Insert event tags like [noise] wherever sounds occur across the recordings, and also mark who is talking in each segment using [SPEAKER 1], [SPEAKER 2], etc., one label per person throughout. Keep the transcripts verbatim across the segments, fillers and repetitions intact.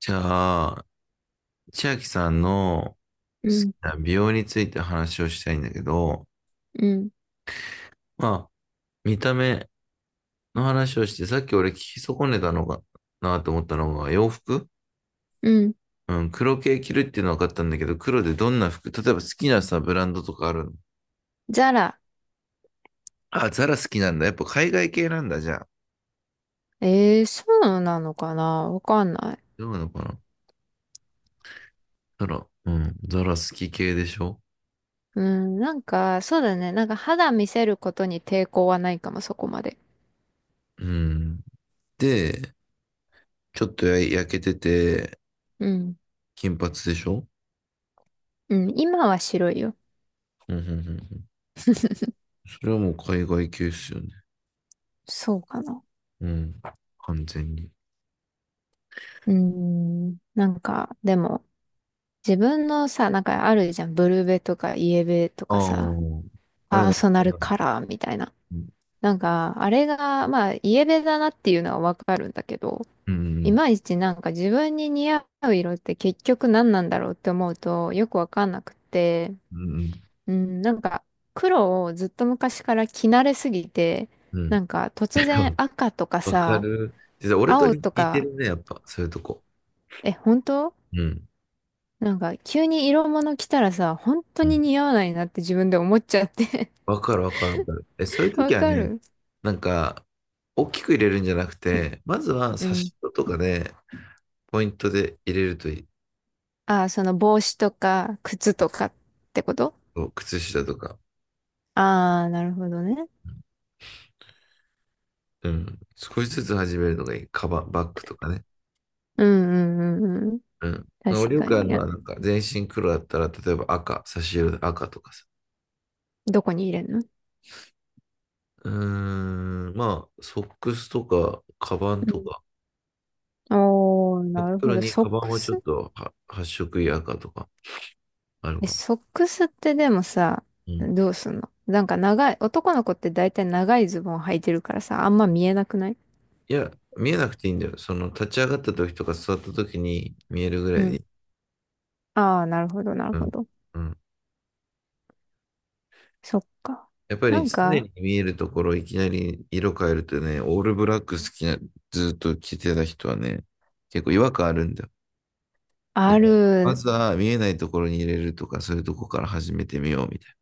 [SPEAKER 1] じゃあ、千秋さんの
[SPEAKER 2] う
[SPEAKER 1] 好き
[SPEAKER 2] ん、
[SPEAKER 1] な美容について話をしたいんだけど、
[SPEAKER 2] うん、
[SPEAKER 1] まあ、見た目の話をして、さっき俺聞き損ねたのかなと思ったのが、洋服。
[SPEAKER 2] うん。
[SPEAKER 1] うん、黒系着るっていうのは分かったんだけど、黒でどんな服、例えば好きなさ、ブランドとかあるの？
[SPEAKER 2] ザラ。
[SPEAKER 1] あ、ザラ好きなんだ。やっぱ海外系なんだ、じゃあ。
[SPEAKER 2] えー、そうなのかな、わかんない。
[SPEAKER 1] どうなのかな。ザラ、うん、ザラ好き系でしょ？
[SPEAKER 2] うん、なんか、そうだね。なんか肌見せることに抵抗はないかも、そこまで。
[SPEAKER 1] うん。で、ちょっとや焼けてて、
[SPEAKER 2] うん、
[SPEAKER 1] 金髪でしょ？
[SPEAKER 2] うん。今は白いよ。
[SPEAKER 1] うん、うん、うん。うん、それはもう海外系っすよね。
[SPEAKER 2] そうかな。
[SPEAKER 1] うん。完全に。
[SPEAKER 2] うーん、なんか、でも、自分のさ、なんかあるじゃん。ブルベとかイエベと
[SPEAKER 1] あ
[SPEAKER 2] か
[SPEAKER 1] あ、
[SPEAKER 2] さ、
[SPEAKER 1] あれ
[SPEAKER 2] パー
[SPEAKER 1] だ、
[SPEAKER 2] ソナルカラーみたいな。
[SPEAKER 1] うん、
[SPEAKER 2] なんか、あれが、まあ、イエベだなっていうのはわかるんだけど、
[SPEAKER 1] う
[SPEAKER 2] い
[SPEAKER 1] ん、
[SPEAKER 2] まいちなんか自分に似合う色って結局何なんだろうって思うとよくわかんなくて、
[SPEAKER 1] うん、
[SPEAKER 2] うん、なんか黒をずっと昔から着慣れすぎて、
[SPEAKER 1] うん。
[SPEAKER 2] なんか突然
[SPEAKER 1] [laughs]
[SPEAKER 2] 赤とか
[SPEAKER 1] わか
[SPEAKER 2] さ、
[SPEAKER 1] る。実は俺と
[SPEAKER 2] 青
[SPEAKER 1] 似
[SPEAKER 2] と
[SPEAKER 1] て
[SPEAKER 2] か、
[SPEAKER 1] るね、やっぱ、そういうとこ。
[SPEAKER 2] え、本当？
[SPEAKER 1] うん、
[SPEAKER 2] なんか急に色物着たらさ、本当
[SPEAKER 1] う
[SPEAKER 2] に
[SPEAKER 1] ん。
[SPEAKER 2] 似合わないなって自分で思っちゃって。
[SPEAKER 1] わかる、わかる、わかる。え、そういう
[SPEAKER 2] [laughs] わ
[SPEAKER 1] 時は
[SPEAKER 2] か
[SPEAKER 1] ね、
[SPEAKER 2] る。
[SPEAKER 1] なんか、大きく入れるんじゃなくて、まずは
[SPEAKER 2] う
[SPEAKER 1] 差
[SPEAKER 2] ん。
[SPEAKER 1] し色とかで、ポイントで入れるといい。
[SPEAKER 2] ああ、その帽子とか靴とかってこと？
[SPEAKER 1] そう、靴下とか。
[SPEAKER 2] ああー、なるほどね。
[SPEAKER 1] うん。少しずつ始めるのがいい。カバン、バッグとかね。
[SPEAKER 2] うんうんうんうん。
[SPEAKER 1] うん。
[SPEAKER 2] 確
[SPEAKER 1] 俺よ
[SPEAKER 2] か
[SPEAKER 1] くあ
[SPEAKER 2] に。
[SPEAKER 1] る
[SPEAKER 2] い
[SPEAKER 1] の
[SPEAKER 2] や、
[SPEAKER 1] は、なんか、全身黒だったら、例えば赤、差し色で赤とかさ。
[SPEAKER 2] どこに入れんの？
[SPEAKER 1] うーん、まあ、ソックスとか、カバン
[SPEAKER 2] う
[SPEAKER 1] と
[SPEAKER 2] ん。
[SPEAKER 1] か、
[SPEAKER 2] おー、
[SPEAKER 1] 真っ
[SPEAKER 2] なるほ
[SPEAKER 1] 黒
[SPEAKER 2] ど。
[SPEAKER 1] に
[SPEAKER 2] ソ
[SPEAKER 1] カ
[SPEAKER 2] ッ
[SPEAKER 1] バン
[SPEAKER 2] ク
[SPEAKER 1] はちょっ
[SPEAKER 2] ス？
[SPEAKER 1] とは発色いい赤とかある
[SPEAKER 2] え、
[SPEAKER 1] かも。
[SPEAKER 2] ソックスってでもさ、
[SPEAKER 1] うん。
[SPEAKER 2] どうすんの？なんか長い、男の子って大体長いズボン履いてるからさ、あんま見えなくない？
[SPEAKER 1] いや、見えなくていいんだよ。その、立ち上がった時とか座った時に見えるぐら
[SPEAKER 2] う
[SPEAKER 1] いでい
[SPEAKER 2] ん。
[SPEAKER 1] い。
[SPEAKER 2] ああ、なるほど、なる
[SPEAKER 1] う
[SPEAKER 2] ほ
[SPEAKER 1] ん。
[SPEAKER 2] ど。
[SPEAKER 1] うん。
[SPEAKER 2] そっか。
[SPEAKER 1] やっぱ
[SPEAKER 2] な
[SPEAKER 1] り
[SPEAKER 2] ん
[SPEAKER 1] 常
[SPEAKER 2] か、
[SPEAKER 1] に見えるところ、いきなり色変えるとね、オールブラック好きな、ずっと着てた人はね、結構違和感あるんだよ。だ
[SPEAKER 2] あ
[SPEAKER 1] から、ま
[SPEAKER 2] る。
[SPEAKER 1] ずは見えないところに入れるとか、そういうとこから始めてみようみたい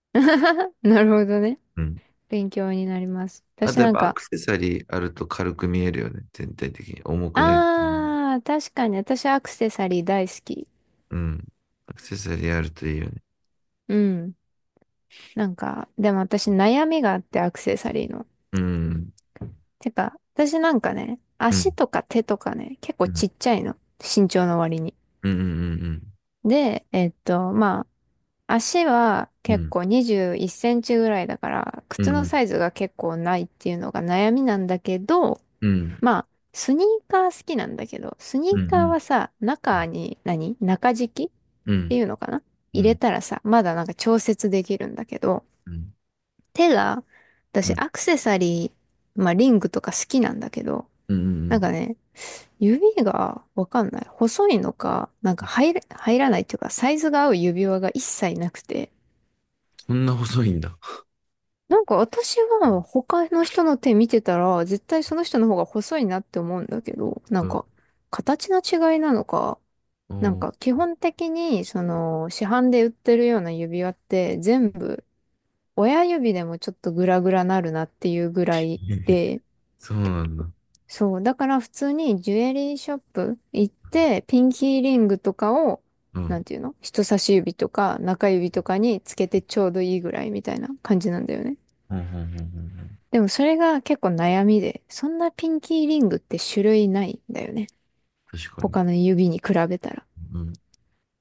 [SPEAKER 2] [laughs] なるほどね。
[SPEAKER 1] な。うん。
[SPEAKER 2] 勉強になります。
[SPEAKER 1] あ
[SPEAKER 2] 私
[SPEAKER 1] とやっ
[SPEAKER 2] なん
[SPEAKER 1] ぱア
[SPEAKER 2] か、
[SPEAKER 1] クセサリーあると軽く見えるよね。全体的に。重くなる。
[SPEAKER 2] ああ、確かに私アクセサリー大好き。
[SPEAKER 1] うん。アクセサリーあるといいよね。
[SPEAKER 2] うん。なんか、でも私悩みがあってアクセサリーの。
[SPEAKER 1] うん。
[SPEAKER 2] てか、私なんかね、
[SPEAKER 1] う
[SPEAKER 2] 足
[SPEAKER 1] ん。
[SPEAKER 2] とか手とかね、結構
[SPEAKER 1] うん。
[SPEAKER 2] ちっちゃいの。身長の割に。
[SPEAKER 1] うん。
[SPEAKER 2] で、えっと、まあ、足は
[SPEAKER 1] うん。う
[SPEAKER 2] 結
[SPEAKER 1] ん。
[SPEAKER 2] 構にじゅういっセンチぐらいだから、
[SPEAKER 1] う
[SPEAKER 2] 靴の
[SPEAKER 1] ん。
[SPEAKER 2] サイズが結構ないっていうのが悩みなんだけど、
[SPEAKER 1] うん。
[SPEAKER 2] まあ、スニーカー好きなんだけど、スニ
[SPEAKER 1] う
[SPEAKER 2] ーカー
[SPEAKER 1] ん。
[SPEAKER 2] はさ、中に何、中敷きっ
[SPEAKER 1] うん。う
[SPEAKER 2] てい
[SPEAKER 1] ん。
[SPEAKER 2] うのかな、
[SPEAKER 1] う
[SPEAKER 2] 入れ
[SPEAKER 1] ん。
[SPEAKER 2] たらさ、まだなんか調節できるんだけど、手が、
[SPEAKER 1] う
[SPEAKER 2] 私
[SPEAKER 1] ん。
[SPEAKER 2] アクセサリー、まあリングとか好きなんだけど、
[SPEAKER 1] う
[SPEAKER 2] なん
[SPEAKER 1] ん。
[SPEAKER 2] かね、指がわかんない。細いのか、なんか入れ、入らないっていうか、サイズが合う指輪が一切なくて。
[SPEAKER 1] そんな細いんだ。
[SPEAKER 2] なんか私は他の人の手見てたら、絶対その人の方が細いなって思うんだけど、な
[SPEAKER 1] う
[SPEAKER 2] ん
[SPEAKER 1] ん。
[SPEAKER 2] か、形の違いなのか、なん
[SPEAKER 1] お、
[SPEAKER 2] か基本的に、その、市販で売ってるような指輪って全部、親指でもちょっとグラグラなるなっていうぐらいで、
[SPEAKER 1] そうなんだ。
[SPEAKER 2] そう。だから普通にジュエリーショップ行って、ピンキーリングとかを、
[SPEAKER 1] う
[SPEAKER 2] な
[SPEAKER 1] ん。
[SPEAKER 2] んていうの、人差し指とか中指とかにつけてちょうどいいぐらいみたいな感じなんだよね。
[SPEAKER 1] うん。うん。うん。
[SPEAKER 2] でもそれが結構悩みで、そんなピンキーリングって種類ないんだよね。
[SPEAKER 1] 確かに。
[SPEAKER 2] 他の指に比べたら。っ
[SPEAKER 1] うん。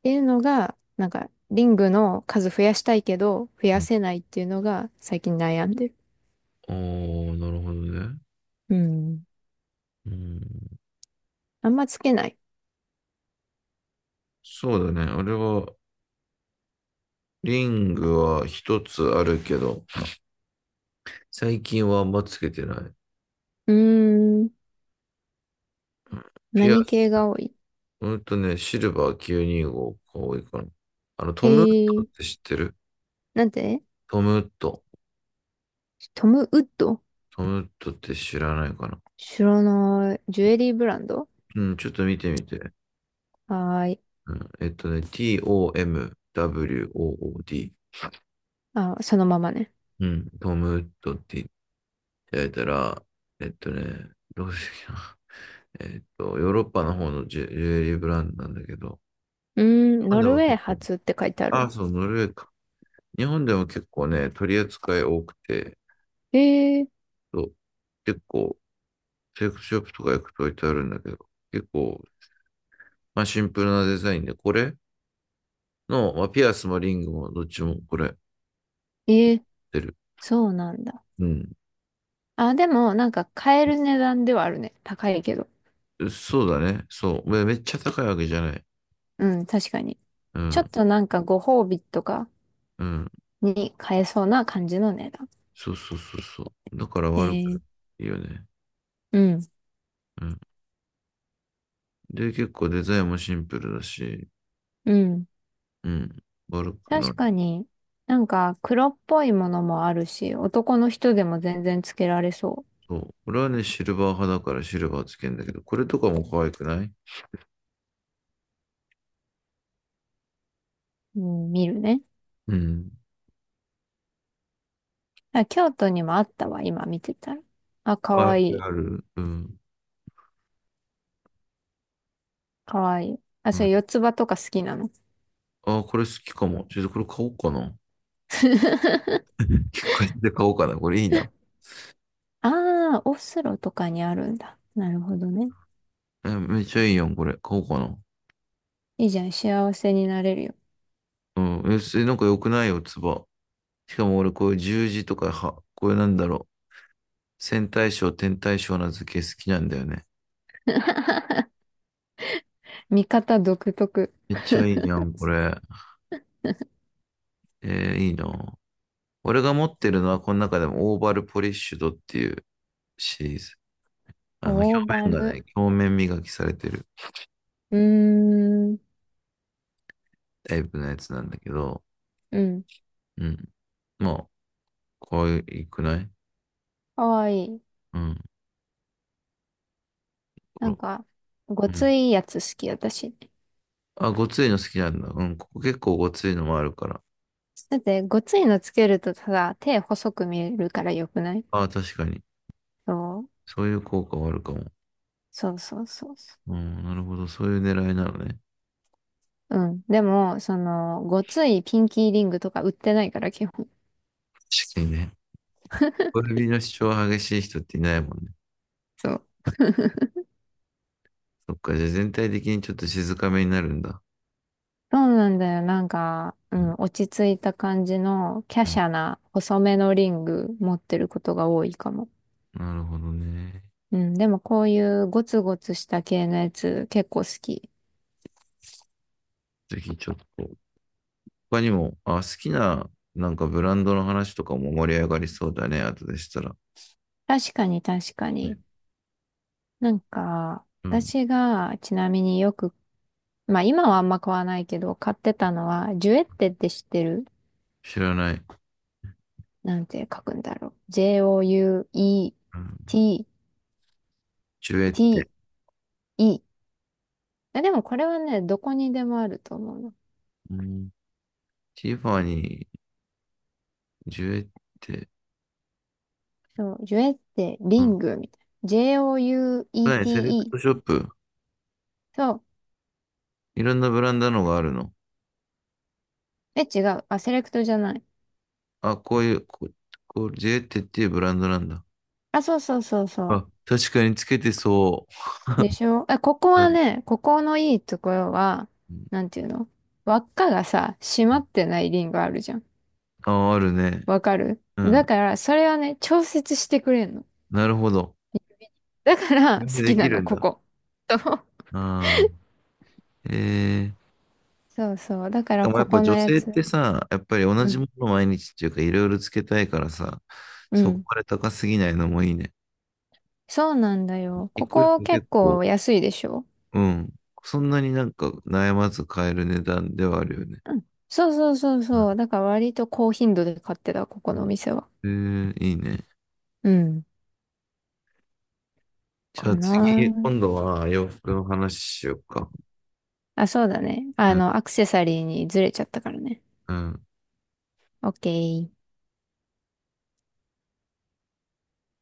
[SPEAKER 2] ていうのが、なんか、リングの数増やしたいけど、増やせないっていうのが最近悩んでる。
[SPEAKER 1] おー、なるほどね。
[SPEAKER 2] うん。
[SPEAKER 1] うん。
[SPEAKER 2] あんまつけない。
[SPEAKER 1] そうだね。俺は、リングは一つあるけど、最近はあんまつけてない。
[SPEAKER 2] うーん。
[SPEAKER 1] うん。ピア
[SPEAKER 2] 何系
[SPEAKER 1] ス、
[SPEAKER 2] が多い？
[SPEAKER 1] ほんとね、シルバーきゅうにごが多いかな。あの、
[SPEAKER 2] え
[SPEAKER 1] トムウッドっ
[SPEAKER 2] ー、
[SPEAKER 1] て知ってる？
[SPEAKER 2] なんて？
[SPEAKER 1] トムウッド。
[SPEAKER 2] トム・ウッド？
[SPEAKER 1] トムウッドって知らないかな。
[SPEAKER 2] 知らない。ジュエリーブランド？
[SPEAKER 1] うん、ちょっと見てみて。
[SPEAKER 2] はーい。
[SPEAKER 1] うん、えっとね、TOMWOOD。
[SPEAKER 2] あ、そのままね。
[SPEAKER 1] うん、トムウッドって言ってあげたら、えっとね、どうしてな。[laughs] えっと、ヨーロッパの方のジュ、ジュエリーブランドなんだけど、
[SPEAKER 2] うー
[SPEAKER 1] 日
[SPEAKER 2] ん、
[SPEAKER 1] 本
[SPEAKER 2] ノ
[SPEAKER 1] で
[SPEAKER 2] ルウ
[SPEAKER 1] も
[SPEAKER 2] ェー
[SPEAKER 1] 結構、
[SPEAKER 2] 発って書いてある
[SPEAKER 1] あ、
[SPEAKER 2] わ。
[SPEAKER 1] そう、ノルウェーか。日本でも結構ね、取り扱い多くて、
[SPEAKER 2] えー、
[SPEAKER 1] そう。結構、セレクトショップとか行くと置いてあるんだけど、結構、まあシンプルなデザインで、これの、まあピアスもリングもどっちもこれ
[SPEAKER 2] えー、
[SPEAKER 1] 出る。
[SPEAKER 2] そうなんだ。
[SPEAKER 1] うん。
[SPEAKER 2] あ、でも、なんか買える値段ではあるね。高いけど。
[SPEAKER 1] そうだね。そう。めめっちゃ高いわけじゃない。
[SPEAKER 2] うん、確かに。
[SPEAKER 1] う
[SPEAKER 2] ちょっ
[SPEAKER 1] ん。
[SPEAKER 2] となんかご褒美とか
[SPEAKER 1] うん。
[SPEAKER 2] に買えそうな感じの値段。
[SPEAKER 1] そうそうそうそう。だから
[SPEAKER 2] え
[SPEAKER 1] 悪く
[SPEAKER 2] ー、
[SPEAKER 1] ないよね。
[SPEAKER 2] うん、
[SPEAKER 1] うん。で、結構デザインもシンプルだし、
[SPEAKER 2] うん。
[SPEAKER 1] うん。悪くな
[SPEAKER 2] 確か
[SPEAKER 1] い。
[SPEAKER 2] に、なんか黒っぽいものもあるし、男の人でも全然つけられそ
[SPEAKER 1] そう。俺はね、シルバー派だからシルバーつけんだけど、これとかも可愛くない？
[SPEAKER 2] う。うん、見るね。
[SPEAKER 1] うん。
[SPEAKER 2] あ、京都にもあったわ、今見てたら。あ、か
[SPEAKER 1] 可愛
[SPEAKER 2] わ
[SPEAKER 1] く
[SPEAKER 2] いい。
[SPEAKER 1] ある。うん。
[SPEAKER 2] かわいい。あ、
[SPEAKER 1] う
[SPEAKER 2] それ
[SPEAKER 1] ん、
[SPEAKER 2] 四つ葉とか好きなの？
[SPEAKER 1] ああ、これ好きかも。ちょっとこれ買おうかな。
[SPEAKER 2] [laughs]
[SPEAKER 1] 聞構買て買おうかな。これいいな。
[SPEAKER 2] ああ、オスロとかにあるんだ。なるほどね。
[SPEAKER 1] え、めっちゃいいやん、これ。買おうかな。
[SPEAKER 2] いいじゃん、幸せになれるよ。
[SPEAKER 1] うん。え、それなんか良くないよ、つば。しかも俺、こういう十字とか、は、こういうなんだろう。線対称、点対称な図形好きなんだよね。
[SPEAKER 2] 見方独特。
[SPEAKER 1] めっちゃいいやん、これ。えーいいな。俺が持ってるのは、この中でもオーバルポリッシュドっていうシリーズ。あの、表
[SPEAKER 2] オーバ
[SPEAKER 1] 面が
[SPEAKER 2] ル。
[SPEAKER 1] ね、表面磨きされてる
[SPEAKER 2] うーん、
[SPEAKER 1] タイプのやつなんだけど、
[SPEAKER 2] うん。
[SPEAKER 1] うん。まあ、可愛くない？
[SPEAKER 2] かわいい。
[SPEAKER 1] うん。ほ
[SPEAKER 2] な
[SPEAKER 1] ら。
[SPEAKER 2] んか、ご
[SPEAKER 1] うん。
[SPEAKER 2] ついやつ好き、私。
[SPEAKER 1] あ、ごついの好きなんだ。うん、ここ結構ごついのもあるから。
[SPEAKER 2] だって、ごついのつけるとただ手細く見えるからよくない？
[SPEAKER 1] ああ、確かに。
[SPEAKER 2] そう、
[SPEAKER 1] そういう効果はあるかも。
[SPEAKER 2] そうそうそうそう。
[SPEAKER 1] うん、なるほど。そういう狙いなのね。
[SPEAKER 2] うん。でも、その、ごついピンキーリングとか売ってないから、基本。
[SPEAKER 1] 確かにね。小指の主張が激しい人っていないもんね。
[SPEAKER 2] そう。
[SPEAKER 1] そっか、じゃあ全体的にちょっと静かめになるんだ。
[SPEAKER 2] そうなんだよ。なんか、う
[SPEAKER 1] う
[SPEAKER 2] ん、
[SPEAKER 1] ん、
[SPEAKER 2] 落ち着いた感じの、華
[SPEAKER 1] うん、
[SPEAKER 2] 奢な、細めのリング持ってることが多いかも。
[SPEAKER 1] なるほどね。
[SPEAKER 2] うん。でも、こういうゴツゴツした系のやつ、結構好き。
[SPEAKER 1] ぜひちょっと。他にも、あ、好きな、なんかブランドの話とかも盛り上がりそうだね。後でしたら。
[SPEAKER 2] 確かに、確か
[SPEAKER 1] ね、
[SPEAKER 2] に。なんか、
[SPEAKER 1] うん、
[SPEAKER 2] 私が、ちなみによく、まあ、今はあんま買わないけど、買ってたのは、ジュエッテって知ってる？
[SPEAKER 1] 知らない。
[SPEAKER 2] なんて書くんだろう。
[SPEAKER 1] うん、
[SPEAKER 2] ジェーオーユーイーティーティー、
[SPEAKER 1] ジュエって。
[SPEAKER 2] いい。あ、でもこれはね、どこにでもあると思うの。
[SPEAKER 1] うん、ティファニー、ジュエって。
[SPEAKER 2] そう、ジュエって
[SPEAKER 1] う
[SPEAKER 2] リ
[SPEAKER 1] ん、
[SPEAKER 2] ングみたいな。
[SPEAKER 1] はい、セレクト
[SPEAKER 2] ジェーオーユーイーティーイー。
[SPEAKER 1] ショップ。
[SPEAKER 2] そう。
[SPEAKER 1] いろんなブランドのがあるの？
[SPEAKER 2] え、違う。あ、セレクトじゃない。
[SPEAKER 1] あ、こういう、こ、こう、ジェーテっていうブランドなんだ。
[SPEAKER 2] あ、そうそうそうそ
[SPEAKER 1] あ、確かにつけてそ
[SPEAKER 2] う。でしょ？え、ここ
[SPEAKER 1] う。う
[SPEAKER 2] は
[SPEAKER 1] ん。
[SPEAKER 2] ね、ここのいいところは、
[SPEAKER 1] うん、
[SPEAKER 2] なんていうの、輪っかがさ、閉まってないリングあるじゃん。
[SPEAKER 1] あ、あるね。
[SPEAKER 2] わかる？
[SPEAKER 1] う
[SPEAKER 2] だ
[SPEAKER 1] ん。
[SPEAKER 2] から、それはね、調節してくれんの。
[SPEAKER 1] なるほど。
[SPEAKER 2] だから、
[SPEAKER 1] そ
[SPEAKER 2] 好
[SPEAKER 1] れで
[SPEAKER 2] き
[SPEAKER 1] でき
[SPEAKER 2] な
[SPEAKER 1] る
[SPEAKER 2] の、
[SPEAKER 1] ん
[SPEAKER 2] こ
[SPEAKER 1] だ。
[SPEAKER 2] こ。
[SPEAKER 1] ああ。えー。
[SPEAKER 2] そうそう。だか
[SPEAKER 1] し
[SPEAKER 2] ら、
[SPEAKER 1] かもや
[SPEAKER 2] こ
[SPEAKER 1] っぱ
[SPEAKER 2] この
[SPEAKER 1] 女
[SPEAKER 2] や
[SPEAKER 1] 性っ
[SPEAKER 2] つ。
[SPEAKER 1] てさ、やっぱり同
[SPEAKER 2] う
[SPEAKER 1] じ
[SPEAKER 2] ん。
[SPEAKER 1] ものを毎日っていうかいろいろつけたいからさ、
[SPEAKER 2] う
[SPEAKER 1] そこ
[SPEAKER 2] ん。
[SPEAKER 1] まで高すぎないのもいいね。
[SPEAKER 2] そうなんだよ。
[SPEAKER 1] 一
[SPEAKER 2] こ
[SPEAKER 1] 個一
[SPEAKER 2] こ
[SPEAKER 1] 個
[SPEAKER 2] 結
[SPEAKER 1] 結構、
[SPEAKER 2] 構安いでしょ？
[SPEAKER 1] うん。そんなになんか悩まず買える値段ではあるよね。
[SPEAKER 2] うん、そうそうそうそう。だから割と高頻度で買ってた、ここのお
[SPEAKER 1] う
[SPEAKER 2] 店は。
[SPEAKER 1] ん。えー、いいね。
[SPEAKER 2] うん。
[SPEAKER 1] じゃ
[SPEAKER 2] か
[SPEAKER 1] あ次、
[SPEAKER 2] な
[SPEAKER 1] 今度は洋服の話しようか。
[SPEAKER 2] あ。あ、そうだね。
[SPEAKER 1] う
[SPEAKER 2] あ
[SPEAKER 1] ん、
[SPEAKER 2] の、アクセサリーにずれちゃったからね。
[SPEAKER 1] うん。
[SPEAKER 2] オッケー。